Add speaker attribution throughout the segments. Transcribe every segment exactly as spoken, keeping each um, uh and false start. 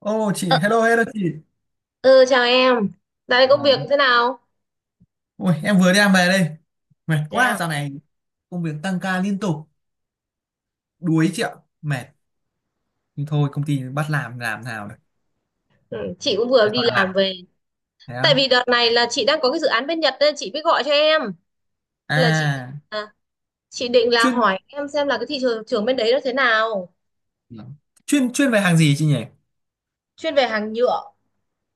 Speaker 1: Ô chị,
Speaker 2: Ờ,
Speaker 1: hello hello chị.
Speaker 2: ừ, chào em. Dạo này công
Speaker 1: À,
Speaker 2: việc thế nào?
Speaker 1: ôi, em vừa đi làm về đây. Mệt quá
Speaker 2: Dạ,
Speaker 1: dạo này công việc tăng ca liên tục, đuối chị ạ. Mệt. Nhưng thôi công ty bắt làm làm nào được.
Speaker 2: ừ, chị cũng vừa
Speaker 1: Toàn
Speaker 2: đi
Speaker 1: toàn làm.
Speaker 2: làm về.
Speaker 1: Thế á.
Speaker 2: Tại vì đợt này là chị đang có cái dự án bên Nhật nên chị mới gọi cho em. Là chị định
Speaker 1: À,
Speaker 2: à, chị định là
Speaker 1: chuyên
Speaker 2: hỏi em xem là cái thị trường trường bên đấy nó thế nào.
Speaker 1: dạ. chuyên chuyên về hàng gì chị nhỉ?
Speaker 2: Chuyên về hàng nhựa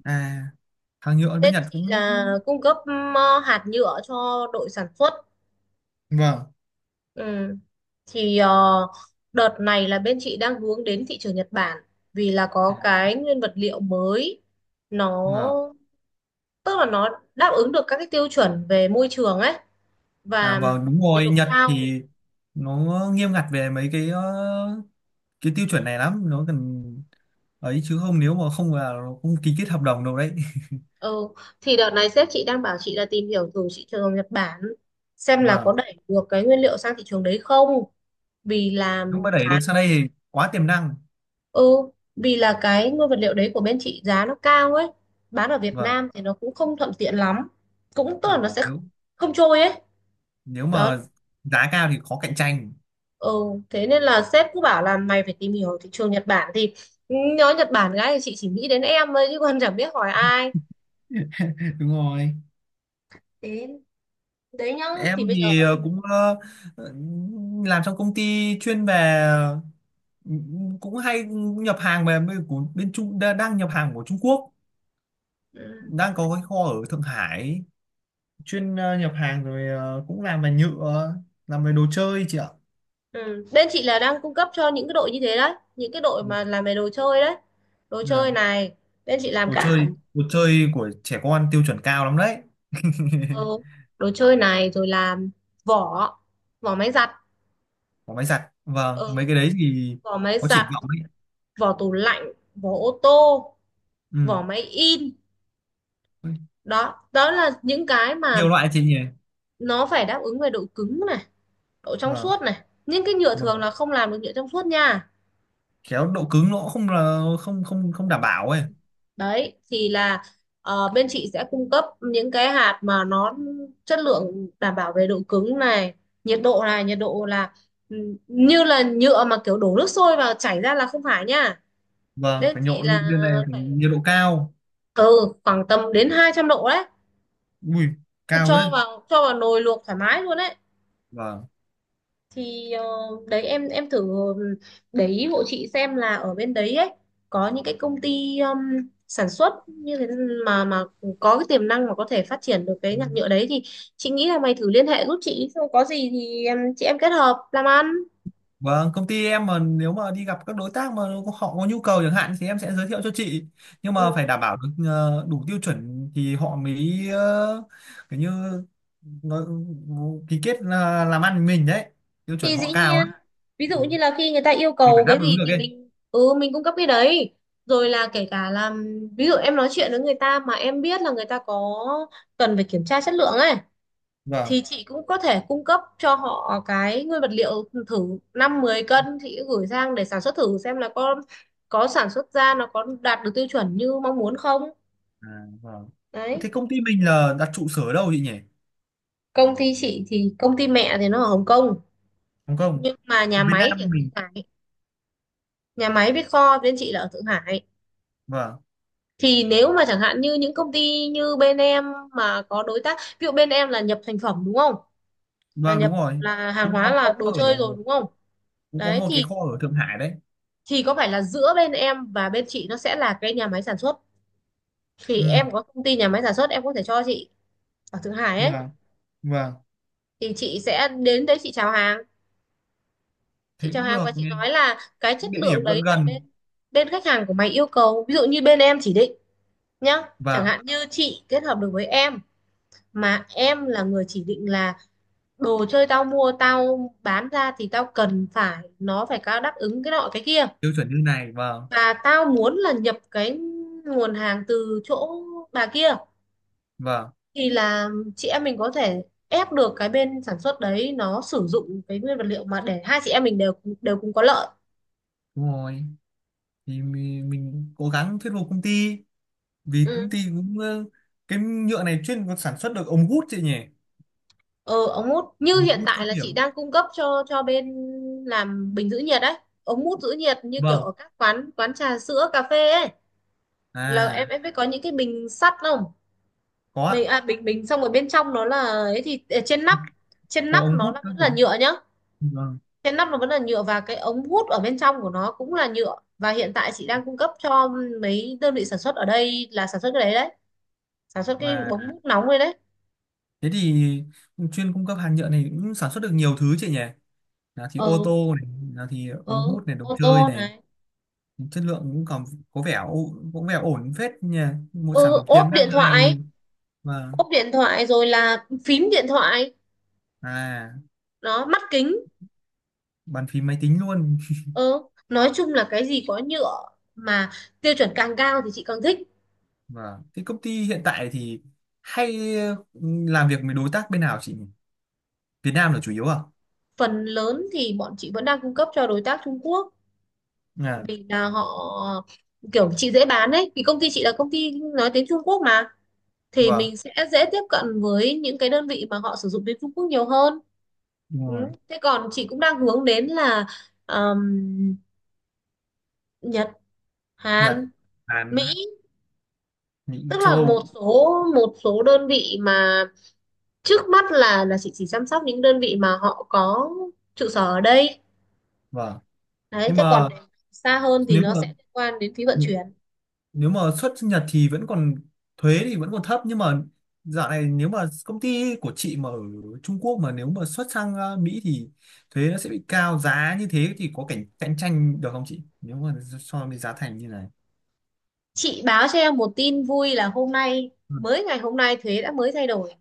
Speaker 1: À, hàng nhựa bên
Speaker 2: nên
Speaker 1: Nhật
Speaker 2: chị
Speaker 1: cũng
Speaker 2: là cung cấp ừm, hạt nhựa cho đội sản xuất.
Speaker 1: vâng.
Speaker 2: Ừ. Thì ờ, đợt này là bên chị đang hướng đến thị trường Nhật Bản, vì là
Speaker 1: À,
Speaker 2: có cái nguyên vật liệu mới, nó
Speaker 1: vâng.
Speaker 2: tức là nó đáp ứng được các cái tiêu chuẩn về môi trường ấy
Speaker 1: À,
Speaker 2: và
Speaker 1: vâng đúng
Speaker 2: nhiệt
Speaker 1: rồi,
Speaker 2: độ
Speaker 1: Nhật
Speaker 2: cao.
Speaker 1: thì nó nghiêm ngặt về mấy cái ờ, cái tiêu chuẩn này lắm, nó cần ấy chứ không, nếu mà không là nó không ký kết hợp đồng đâu đấy.
Speaker 2: Ừ, thì đợt này sếp chị đang bảo chị là tìm hiểu thử thị trường Nhật Bản, xem là có
Speaker 1: Vâng,
Speaker 2: đẩy được cái nguyên liệu sang thị trường đấy không, vì là
Speaker 1: nếu mà đẩy được
Speaker 2: cái
Speaker 1: sang đây thì quá tiềm năng.
Speaker 2: ừ vì là cái nguyên vật liệu đấy của bên chị giá nó cao ấy, bán ở Việt
Speaker 1: Vâng
Speaker 2: Nam thì nó cũng không thuận tiện lắm, cũng tức là
Speaker 1: đúng
Speaker 2: nó
Speaker 1: rồi.
Speaker 2: sẽ
Speaker 1: Nếu
Speaker 2: không trôi ấy.
Speaker 1: nếu
Speaker 2: Đó,
Speaker 1: mà giá cao thì khó cạnh tranh.
Speaker 2: ừ, thế nên là sếp cứ bảo là mày phải tìm hiểu thị trường Nhật Bản. Thì ừ, nhớ Nhật Bản gái thì chị chỉ nghĩ đến em thôi chứ còn chẳng biết hỏi ai.
Speaker 1: Đúng rồi.
Speaker 2: Đấy, đấy nhá,
Speaker 1: Em
Speaker 2: thì bây
Speaker 1: thì
Speaker 2: giờ
Speaker 1: ờ, cũng ờ, ờ, làm trong công ty chuyên về, ừ, cũng hay nhập hàng về bên- của bên Trung đa- đang nhập hàng của Trung Quốc.
Speaker 2: ừ.
Speaker 1: Đang có cái kho ở Thượng Hải, chuyên ờ, nhập hàng, rồi ờ, cũng làm về nhựa, làm về đồ chơi chị ạ.
Speaker 2: Ừ, bên chị là đang cung cấp cho những cái đội như thế đấy, những cái đội
Speaker 1: Dạ.
Speaker 2: mà làm về đồ chơi đấy, đồ chơi
Speaker 1: Dạ.
Speaker 2: này, bên chị làm
Speaker 1: đồ
Speaker 2: cả
Speaker 1: chơi
Speaker 2: cần
Speaker 1: đồ chơi của trẻ con tiêu chuẩn cao lắm đấy.
Speaker 2: thơ đồ chơi này, rồi làm vỏ, vỏ máy giặt,
Speaker 1: Có máy giặt, vâng,
Speaker 2: ờ,
Speaker 1: mấy cái đấy thì
Speaker 2: vỏ máy
Speaker 1: có triển
Speaker 2: giặt,
Speaker 1: vọng đấy.
Speaker 2: vỏ tủ lạnh, vỏ ô tô,
Speaker 1: Ừ.
Speaker 2: vỏ máy in. Đó đó là những cái mà
Speaker 1: Nhiều loại chị nhỉ.
Speaker 2: nó phải đáp ứng về độ cứng này, độ trong
Speaker 1: Vâng,
Speaker 2: suốt này. Những cái nhựa thường
Speaker 1: vâng.
Speaker 2: là không làm được nhựa trong suốt nha.
Speaker 1: Khéo độ cứng nó cũng không, là không không không đảm bảo ấy.
Speaker 2: Đấy thì là, ờ, bên chị sẽ cung cấp những cái hạt mà nó chất lượng, đảm bảo về độ cứng này, nhiệt độ này. Nhiệt độ là ừ, như là nhựa mà kiểu đổ nước sôi vào chảy ra là không phải nha.
Speaker 1: Vâng,
Speaker 2: Bên
Speaker 1: phải
Speaker 2: chị là
Speaker 1: nhộn, bên này phải
Speaker 2: phải
Speaker 1: nhiệt độ cao.
Speaker 2: từ khoảng tầm đến hai trăm độ đấy,
Speaker 1: Ui, cao đấy.
Speaker 2: cho vào cho vào nồi luộc thoải mái luôn đấy.
Speaker 1: Vâng,
Speaker 2: Thì ờ, đấy, em em thử để ý hộ chị xem là ở bên đấy ấy có những cái công ty um, sản xuất như thế mà mà có cái tiềm năng mà có thể phát triển được cái nhạc nhựa đấy, thì chị nghĩ là mày thử liên hệ giúp chị, xong có gì thì em chị em kết hợp làm ăn.
Speaker 1: vâng. Công ty em mà nếu mà đi gặp các đối tác mà họ có nhu cầu chẳng hạn thì em sẽ giới thiệu cho chị. Nhưng mà
Speaker 2: Ừ,
Speaker 1: phải đảm bảo được ờ, đủ tiêu chuẩn thì họ mới ờ, kiểu như nó ký kết là làm ăn với mình đấy. Tiêu chuẩn
Speaker 2: thì
Speaker 1: họ
Speaker 2: dĩ
Speaker 1: cao
Speaker 2: nhiên,
Speaker 1: lắm.
Speaker 2: ví
Speaker 1: Ừ,
Speaker 2: dụ như là khi người ta yêu
Speaker 1: mình
Speaker 2: cầu
Speaker 1: phải
Speaker 2: cái
Speaker 1: đáp ứng
Speaker 2: gì
Speaker 1: được
Speaker 2: thì
Speaker 1: ấy.
Speaker 2: mình ừ mình cung cấp cái đấy, rồi là kể cả là ví dụ em nói chuyện với người ta mà em biết là người ta có cần phải kiểm tra chất lượng ấy,
Speaker 1: Vâng.
Speaker 2: thì chị cũng có thể cung cấp cho họ cái nguyên vật liệu thử, năm mười cân chị gửi sang để sản xuất thử xem là có có sản xuất ra nó có đạt được tiêu chuẩn như mong muốn không.
Speaker 1: À, vâng.
Speaker 2: Đấy,
Speaker 1: Thế công ty mình là đặt trụ sở ở đâu chị nhỉ?
Speaker 2: công ty chị thì công ty mẹ thì nó ở Hồng Kông,
Speaker 1: Hồng Kông.
Speaker 2: nhưng mà
Speaker 1: Ở
Speaker 2: nhà
Speaker 1: Việt
Speaker 2: máy
Speaker 1: Nam
Speaker 2: thì ở Thượng
Speaker 1: mình.
Speaker 2: Hải. Nhà máy với kho bên chị là ở Thượng Hải.
Speaker 1: Vâng.
Speaker 2: Thì nếu mà chẳng hạn như những công ty như bên em mà có đối tác, ví dụ bên em là nhập thành phẩm đúng không, là
Speaker 1: Vâng đúng
Speaker 2: nhập,
Speaker 1: rồi.
Speaker 2: là hàng
Speaker 1: cũng
Speaker 2: hóa
Speaker 1: có
Speaker 2: là
Speaker 1: kho
Speaker 2: đồ
Speaker 1: ở
Speaker 2: chơi rồi đúng không.
Speaker 1: cũng có
Speaker 2: Đấy
Speaker 1: một cái
Speaker 2: thì
Speaker 1: kho ở Thượng Hải đấy.
Speaker 2: thì có phải là giữa bên em và bên chị nó sẽ là cái nhà máy sản xuất, thì
Speaker 1: Ừ.
Speaker 2: em có công ty nhà máy sản xuất em có thể cho chị ở Thượng Hải ấy,
Speaker 1: Vâng. Vâng.
Speaker 2: thì chị sẽ đến đấy chị chào hàng. Chị
Speaker 1: Thế
Speaker 2: chào
Speaker 1: cũng
Speaker 2: hàng
Speaker 1: được
Speaker 2: và chị
Speaker 1: nghe.
Speaker 2: nói là cái chất
Speaker 1: Địa
Speaker 2: lượng
Speaker 1: điểm gần
Speaker 2: đấy là
Speaker 1: gần.
Speaker 2: bên, bên khách hàng của mày yêu cầu, ví dụ như bên em chỉ định nhá, chẳng
Speaker 1: Vâng.
Speaker 2: hạn như chị kết hợp được với em mà em là người chỉ định là đồ chơi tao mua tao bán ra thì tao cần phải nó phải có đáp ứng cái nọ cái kia,
Speaker 1: Tiêu chuẩn như này. Vâng.
Speaker 2: và tao muốn là nhập cái nguồn hàng từ chỗ bà kia,
Speaker 1: Vâng.
Speaker 2: thì là chị em mình có thể ép được cái bên sản xuất đấy nó sử dụng cái nguyên vật liệu, mà để hai chị em mình đều đều cùng có lợi.
Speaker 1: Đúng rồi. Thì mình, mình cố gắng thuyết phục công ty, vì
Speaker 2: Ừ,
Speaker 1: công ty cũng ờ, cái nhựa này chuyên sản xuất được ống hút chị nhỉ?
Speaker 2: ờ ống hút như
Speaker 1: Ống
Speaker 2: hiện
Speaker 1: hút
Speaker 2: tại
Speaker 1: các
Speaker 2: là chị
Speaker 1: kiểu.
Speaker 2: đang cung cấp cho cho bên làm bình giữ nhiệt đấy, ống hút giữ nhiệt như kiểu
Speaker 1: Vâng.
Speaker 2: ở các quán quán trà sữa cà phê ấy. Là
Speaker 1: À,
Speaker 2: em em biết có những cái bình sắt không,
Speaker 1: có
Speaker 2: bình
Speaker 1: ạ.
Speaker 2: à, bình bình xong rồi bên trong nó là ấy, thì ở trên nắp, trên
Speaker 1: Có
Speaker 2: nắp
Speaker 1: ống
Speaker 2: nó
Speaker 1: hút
Speaker 2: là
Speaker 1: các
Speaker 2: vẫn là
Speaker 1: kiểu,
Speaker 2: nhựa nhá.
Speaker 1: vâng.
Speaker 2: Cái nắp nó vẫn là nhựa và cái ống hút ở bên trong của nó cũng là nhựa, và hiện tại chị đang cung cấp cho mấy đơn vị sản xuất ở đây là sản xuất cái đấy đấy, sản xuất cái
Speaker 1: Và
Speaker 2: bóng hút nóng đấy đấy.
Speaker 1: thế thì chuyên cung cấp hàng nhựa này cũng sản xuất được nhiều thứ chị nhỉ. Là thì ô
Speaker 2: Ừ,
Speaker 1: tô này, là thì
Speaker 2: ừ,
Speaker 1: ống hút này, đồ
Speaker 2: ô
Speaker 1: chơi
Speaker 2: tô
Speaker 1: này.
Speaker 2: này,
Speaker 1: Chất lượng cũng còn có vẻ ổ- có vẻ ổn phết nhỉ. Một sản
Speaker 2: ừ,
Speaker 1: phẩm tiềm
Speaker 2: ốp
Speaker 1: năng
Speaker 2: điện thoại,
Speaker 1: này. Và
Speaker 2: ốp điện thoại rồi là phím điện thoại,
Speaker 1: à,
Speaker 2: nó mắt kính.
Speaker 1: bàn phím máy tính luôn.
Speaker 2: Ừ, nói chung là cái gì có nhựa mà tiêu chuẩn càng cao thì chị càng thích.
Speaker 1: Và cái công ty hiện tại thì hay, ừ, làm việc với đối tác bên nào chị nhỉ? Việt Nam là chủ yếu à?
Speaker 2: Phần lớn thì bọn chị vẫn đang cung cấp cho đối tác Trung Quốc,
Speaker 1: À
Speaker 2: vì là họ, kiểu chị dễ bán ấy, vì công ty chị là công ty nói tiếng Trung Quốc mà, thì
Speaker 1: vâng
Speaker 2: mình sẽ dễ tiếp cận với những cái đơn vị mà họ sử dụng tiếng Trung Quốc nhiều hơn.
Speaker 1: đúng
Speaker 2: Ừ,
Speaker 1: rồi.
Speaker 2: thế còn chị cũng đang hướng đến là ờm, Nhật,
Speaker 1: Nhật,
Speaker 2: Hàn, Mỹ,
Speaker 1: Hàn, Mỹ,
Speaker 2: tức
Speaker 1: châu
Speaker 2: là một
Speaker 1: Âu.
Speaker 2: số một số đơn vị mà trước mắt là là chị chỉ chăm sóc những đơn vị mà họ có trụ sở ở đây.
Speaker 1: Vâng
Speaker 2: Đấy,
Speaker 1: nhưng
Speaker 2: thế còn
Speaker 1: mà
Speaker 2: xa hơn thì
Speaker 1: nếu
Speaker 2: nó
Speaker 1: mà
Speaker 2: sẽ liên quan đến phí vận chuyển.
Speaker 1: nếu mà xuất Nhật thì vẫn còn thuế thì vẫn còn thấp. Nhưng mà dạo này nếu mà công ty của chị mà ở Trung Quốc mà nếu mà xuất sang ờ, Mỹ thì thuế nó sẽ bị cao, giá như thế thì có cạnh cạnh tranh được không chị, nếu mà so với giá thành như này?
Speaker 2: Chị báo cho em một tin vui là hôm nay,
Speaker 1: Ừ.
Speaker 2: mới ngày hôm nay thuế đã mới thay đổi,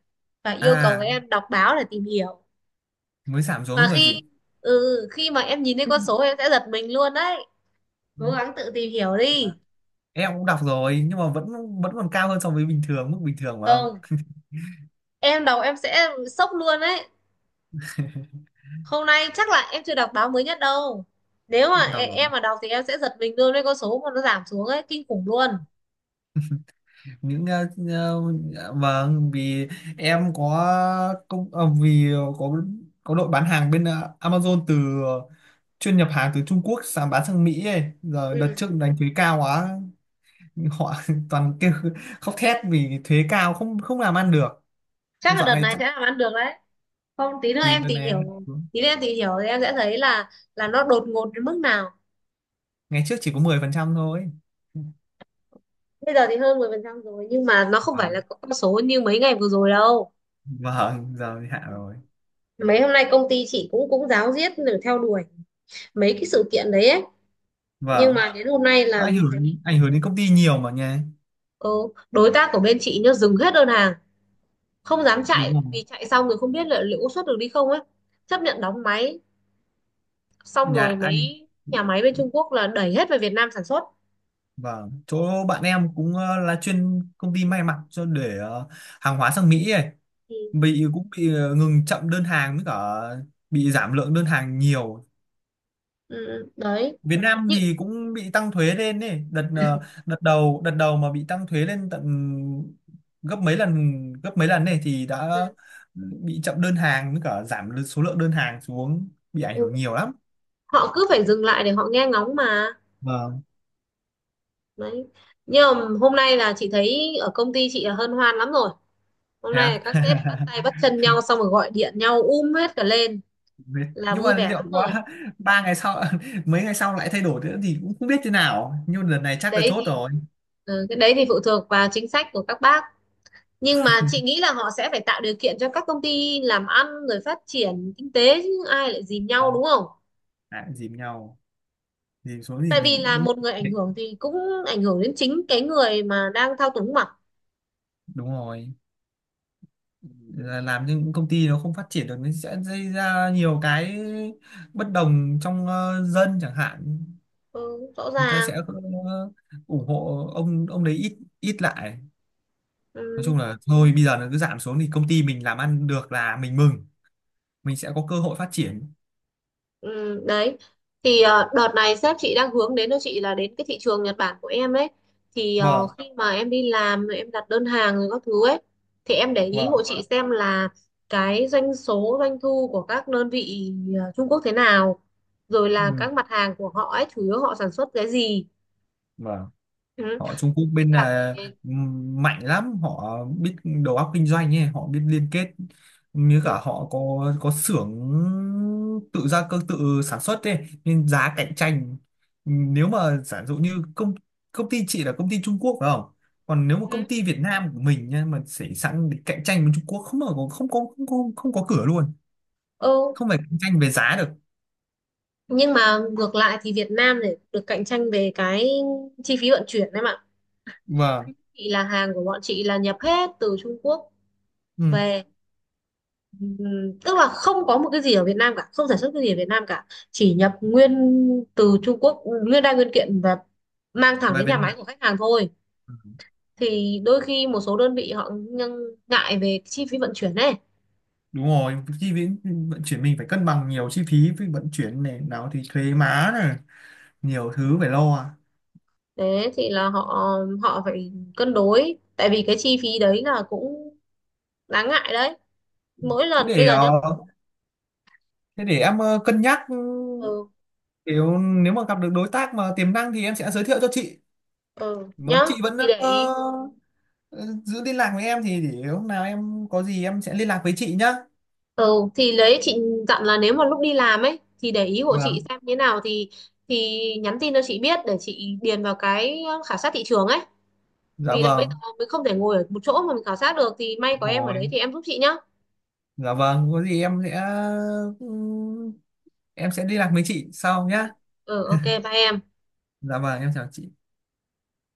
Speaker 2: và yêu cầu
Speaker 1: À,
Speaker 2: em đọc báo để tìm hiểu.
Speaker 1: mới giảm
Speaker 2: Và
Speaker 1: xuống rồi chị.
Speaker 2: khi ừ, khi mà em nhìn thấy con số em sẽ giật mình luôn đấy,
Speaker 1: Ừ.
Speaker 2: cố gắng tự tìm hiểu đi.
Speaker 1: Em cũng đọc rồi, nhưng mà vẫn vẫn còn cao hơn so với bình thường, mức bình thường phải không?
Speaker 2: Không, em đọc em sẽ sốc luôn đấy, hôm nay chắc là em chưa đọc báo mới nhất đâu, nếu mà
Speaker 1: Em
Speaker 2: e-
Speaker 1: đọc rồi,
Speaker 2: em mà đọc thì em sẽ giật mình luôn với con số mà nó giảm xuống ấy, kinh khủng luôn.
Speaker 1: những ờ, ờ, vâng, vì em có công ờ, vì có có đội bán hàng bên ờ, Amazon từ ờ, chuyên nhập hàng từ Trung Quốc sang bán sang Mỹ ấy. Giờ đợt
Speaker 2: Ừ,
Speaker 1: trước đánh thuế cao quá, họ toàn kêu, khóc thét vì thuế cao, không không làm ăn được.
Speaker 2: chắc là
Speaker 1: dạo
Speaker 2: đợt
Speaker 1: này
Speaker 2: này
Speaker 1: chắc-
Speaker 2: sẽ làm ăn được đấy. Không, tí nữa
Speaker 1: thì
Speaker 2: em
Speaker 1: đợt
Speaker 2: tìm
Speaker 1: này,
Speaker 2: hiểu, tí nữa em tìm hiểu thì em sẽ thấy là là nó đột ngột đến mức nào.
Speaker 1: ngày trước chỉ có mười phần trăm thôi.
Speaker 2: Bây giờ thì hơn mười phần trăm rồi nhưng mà nó không phải là
Speaker 1: Vâng,
Speaker 2: con số như mấy ngày vừa rồi đâu.
Speaker 1: vâng giờ thì hạ rồi.
Speaker 2: Mấy hôm nay công ty chị cũng cũng ráo riết để theo đuổi mấy cái sự kiện đấy ấy. Nhưng
Speaker 1: Vâng.
Speaker 2: mà đến hôm nay
Speaker 1: Nó
Speaker 2: là
Speaker 1: ảnh
Speaker 2: thấy
Speaker 1: hưởng ảnh hưởng đến công ty nhiều mà nha.
Speaker 2: ừ, đối tác của bên chị nhá dừng hết đơn hàng, không dám
Speaker 1: Đúng
Speaker 2: chạy vì
Speaker 1: không.
Speaker 2: chạy xong rồi không biết là liệu có xuất được đi không ấy. Chấp nhận đóng máy, xong
Speaker 1: Nhà
Speaker 2: rồi
Speaker 1: anh
Speaker 2: mấy nhà máy bên Trung Quốc là đẩy hết về Việt Nam sản xuất.
Speaker 1: Vâng, chỗ bạn em cũng ờ, là chuyên công ty may mặc cho để ờ, hàng hóa sang Mỹ ấy.
Speaker 2: Ừ,
Speaker 1: Bị cũng bị ờ, ngừng, chậm đơn hàng với cả bị giảm lượng đơn hàng nhiều.
Speaker 2: ừ, đấy.
Speaker 1: Việt Nam
Speaker 2: Nhưng
Speaker 1: thì cũng bị tăng thuế lên ấy, đợt ờ, đợt đầu đợt đầu mà bị tăng thuế lên tận gấp mấy lần gấp mấy lần này thì đã
Speaker 2: ừ,
Speaker 1: bị chậm đơn hàng với cả giảm số lượng đơn hàng xuống, bị ảnh
Speaker 2: ừ,
Speaker 1: hưởng nhiều lắm.
Speaker 2: họ cứ phải dừng lại để họ nghe ngóng mà.
Speaker 1: Vâng,
Speaker 2: Đấy. Nhưng mà hôm nay là chị thấy ở công ty chị là hân hoan lắm rồi. Hôm
Speaker 1: thế
Speaker 2: nay là
Speaker 1: à?
Speaker 2: các sếp bắt tay bắt chân nhau xong rồi gọi điện nhau um hết cả lên,
Speaker 1: Đấy.
Speaker 2: là
Speaker 1: Nhưng
Speaker 2: vui
Speaker 1: mà
Speaker 2: vẻ
Speaker 1: liệu
Speaker 2: lắm
Speaker 1: có.
Speaker 2: rồi.
Speaker 1: ba ngày sau mấy ngày sau lại thay đổi nữa thì cũng không biết thế nào, nhưng lần này
Speaker 2: Cái
Speaker 1: chắc là
Speaker 2: đấy
Speaker 1: chốt
Speaker 2: thì,
Speaker 1: rồi.
Speaker 2: ừ, cái đấy thì phụ thuộc vào chính sách của các bác, nhưng mà chị nghĩ là họ sẽ phải tạo điều kiện cho các công ty làm ăn rồi phát triển kinh tế, chứ ai lại dìm nhau
Speaker 1: à,
Speaker 2: đúng không.
Speaker 1: à, cũng dìm nhau, dìm xuống thì
Speaker 2: Tại vì
Speaker 1: mình
Speaker 2: là
Speaker 1: cũng
Speaker 2: một người ảnh hưởng thì cũng ảnh hưởng đến chính cái người mà đang thao túng mà.
Speaker 1: đúng rồi. Là làm những công ty nó không phát triển được, nó sẽ gây ra nhiều cái bất đồng trong ờ, dân chẳng hạn.
Speaker 2: Ừ, rõ
Speaker 1: Người ta
Speaker 2: ràng.
Speaker 1: sẽ ờ, ủng hộ ông ông đấy ít ít lại. Nói
Speaker 2: Ừ.
Speaker 1: chung là thôi bây giờ nó cứ giảm xuống thì công ty mình làm ăn được là mình mừng, mình sẽ có cơ hội phát triển.
Speaker 2: Ừ, đấy, thì ờ, đợt này sếp chị đang hướng đến cho chị là đến cái thị trường Nhật Bản của em ấy. thì ờ,
Speaker 1: Vâng,
Speaker 2: Khi mà em đi làm rồi em đặt đơn hàng rồi các thứ ấy, thì em để ý hộ
Speaker 1: vâng.
Speaker 2: chị xem là cái doanh số doanh thu của các đơn vị ờ, Trung Quốc thế nào, rồi là
Speaker 1: Ừ.
Speaker 2: các mặt hàng của họ ấy chủ yếu họ sản xuất cái gì.
Speaker 1: Vâng.
Speaker 2: Ừ,
Speaker 1: Họ Trung Quốc bên
Speaker 2: cả về
Speaker 1: là, ừm, mạnh lắm, họ biết đầu óc kinh doanh ấy, họ biết liên kết, như cả
Speaker 2: ừ.
Speaker 1: họ có có xưởng tự gia cơ, tự sản xuất ấy nên giá cạnh tranh. Ừm, nếu mà giả dụ như công công ty chị là công ty Trung Quốc phải không? Còn nếu mà
Speaker 2: Ừ,
Speaker 1: công ty Việt Nam của mình nha mà xảy sẵn để cạnh tranh với Trung Quốc không, mà có- không có không có không có cửa luôn,
Speaker 2: ừ,
Speaker 1: không phải cạnh tranh về giá được.
Speaker 2: nhưng mà ngược lại thì Việt Nam để được cạnh tranh về cái chi phí vận chuyển em ạ.
Speaker 1: Vâng.
Speaker 2: Thì là hàng của bọn chị là nhập hết từ Trung Quốc
Speaker 1: Ừ.
Speaker 2: về ừm, tức là không có một cái gì ở Việt Nam cả, không sản xuất cái gì ở Việt Nam cả, chỉ nhập nguyên từ Trung Quốc nguyên đai nguyên kiện và mang thẳng
Speaker 1: Về
Speaker 2: đến
Speaker 1: Việt
Speaker 2: nhà máy của khách hàng thôi.
Speaker 1: Nam.
Speaker 2: Thì đôi khi một số đơn vị họ nhưng ngại về chi phí vận chuyển này.
Speaker 1: Đúng rồi, chi phí vận chuyển mình phải cân bằng, nhiều chi phí với vận chuyển này nào thì thuế má này, nhiều thứ phải lo à.
Speaker 2: Thế thì là họ họ phải cân đối, tại vì cái chi phí đấy là cũng đáng ngại đấy, mỗi
Speaker 1: thế
Speaker 2: lần bây
Speaker 1: để
Speaker 2: giờ nhá.
Speaker 1: ờ, thế để em ờ, cân nhắc, ừ,
Speaker 2: Ừ,
Speaker 1: nếu nếu mà gặp được đối tác mà tiềm năng thì em sẽ giới thiệu cho chị,
Speaker 2: ừ
Speaker 1: mà
Speaker 2: nhá,
Speaker 1: chị vẫn
Speaker 2: thì để
Speaker 1: ờ,
Speaker 2: ý.
Speaker 1: ờ, giữ liên lạc với em thì để lúc nào em có gì em sẽ liên lạc với chị nhá.
Speaker 2: Ừ thì lấy chị dặn là nếu mà lúc đi làm ấy thì để ý hộ chị
Speaker 1: Vâng,
Speaker 2: xem thế nào, thì thì nhắn tin cho chị biết để chị điền vào cái khảo sát thị trường ấy,
Speaker 1: dạ
Speaker 2: vì là bây giờ
Speaker 1: vâng.
Speaker 2: mình không thể ngồi ở một chỗ mà mình khảo sát được, thì may có
Speaker 1: Đúng
Speaker 2: em ở
Speaker 1: rồi,
Speaker 2: đấy thì em giúp chị nhá.
Speaker 1: dạ vâng có gì em sẽ, ừ, em sẽ liên lạc với chị sau
Speaker 2: Ừ,
Speaker 1: nhá.
Speaker 2: ừ, ok bye em.
Speaker 1: Dạ vâng, em chào chị.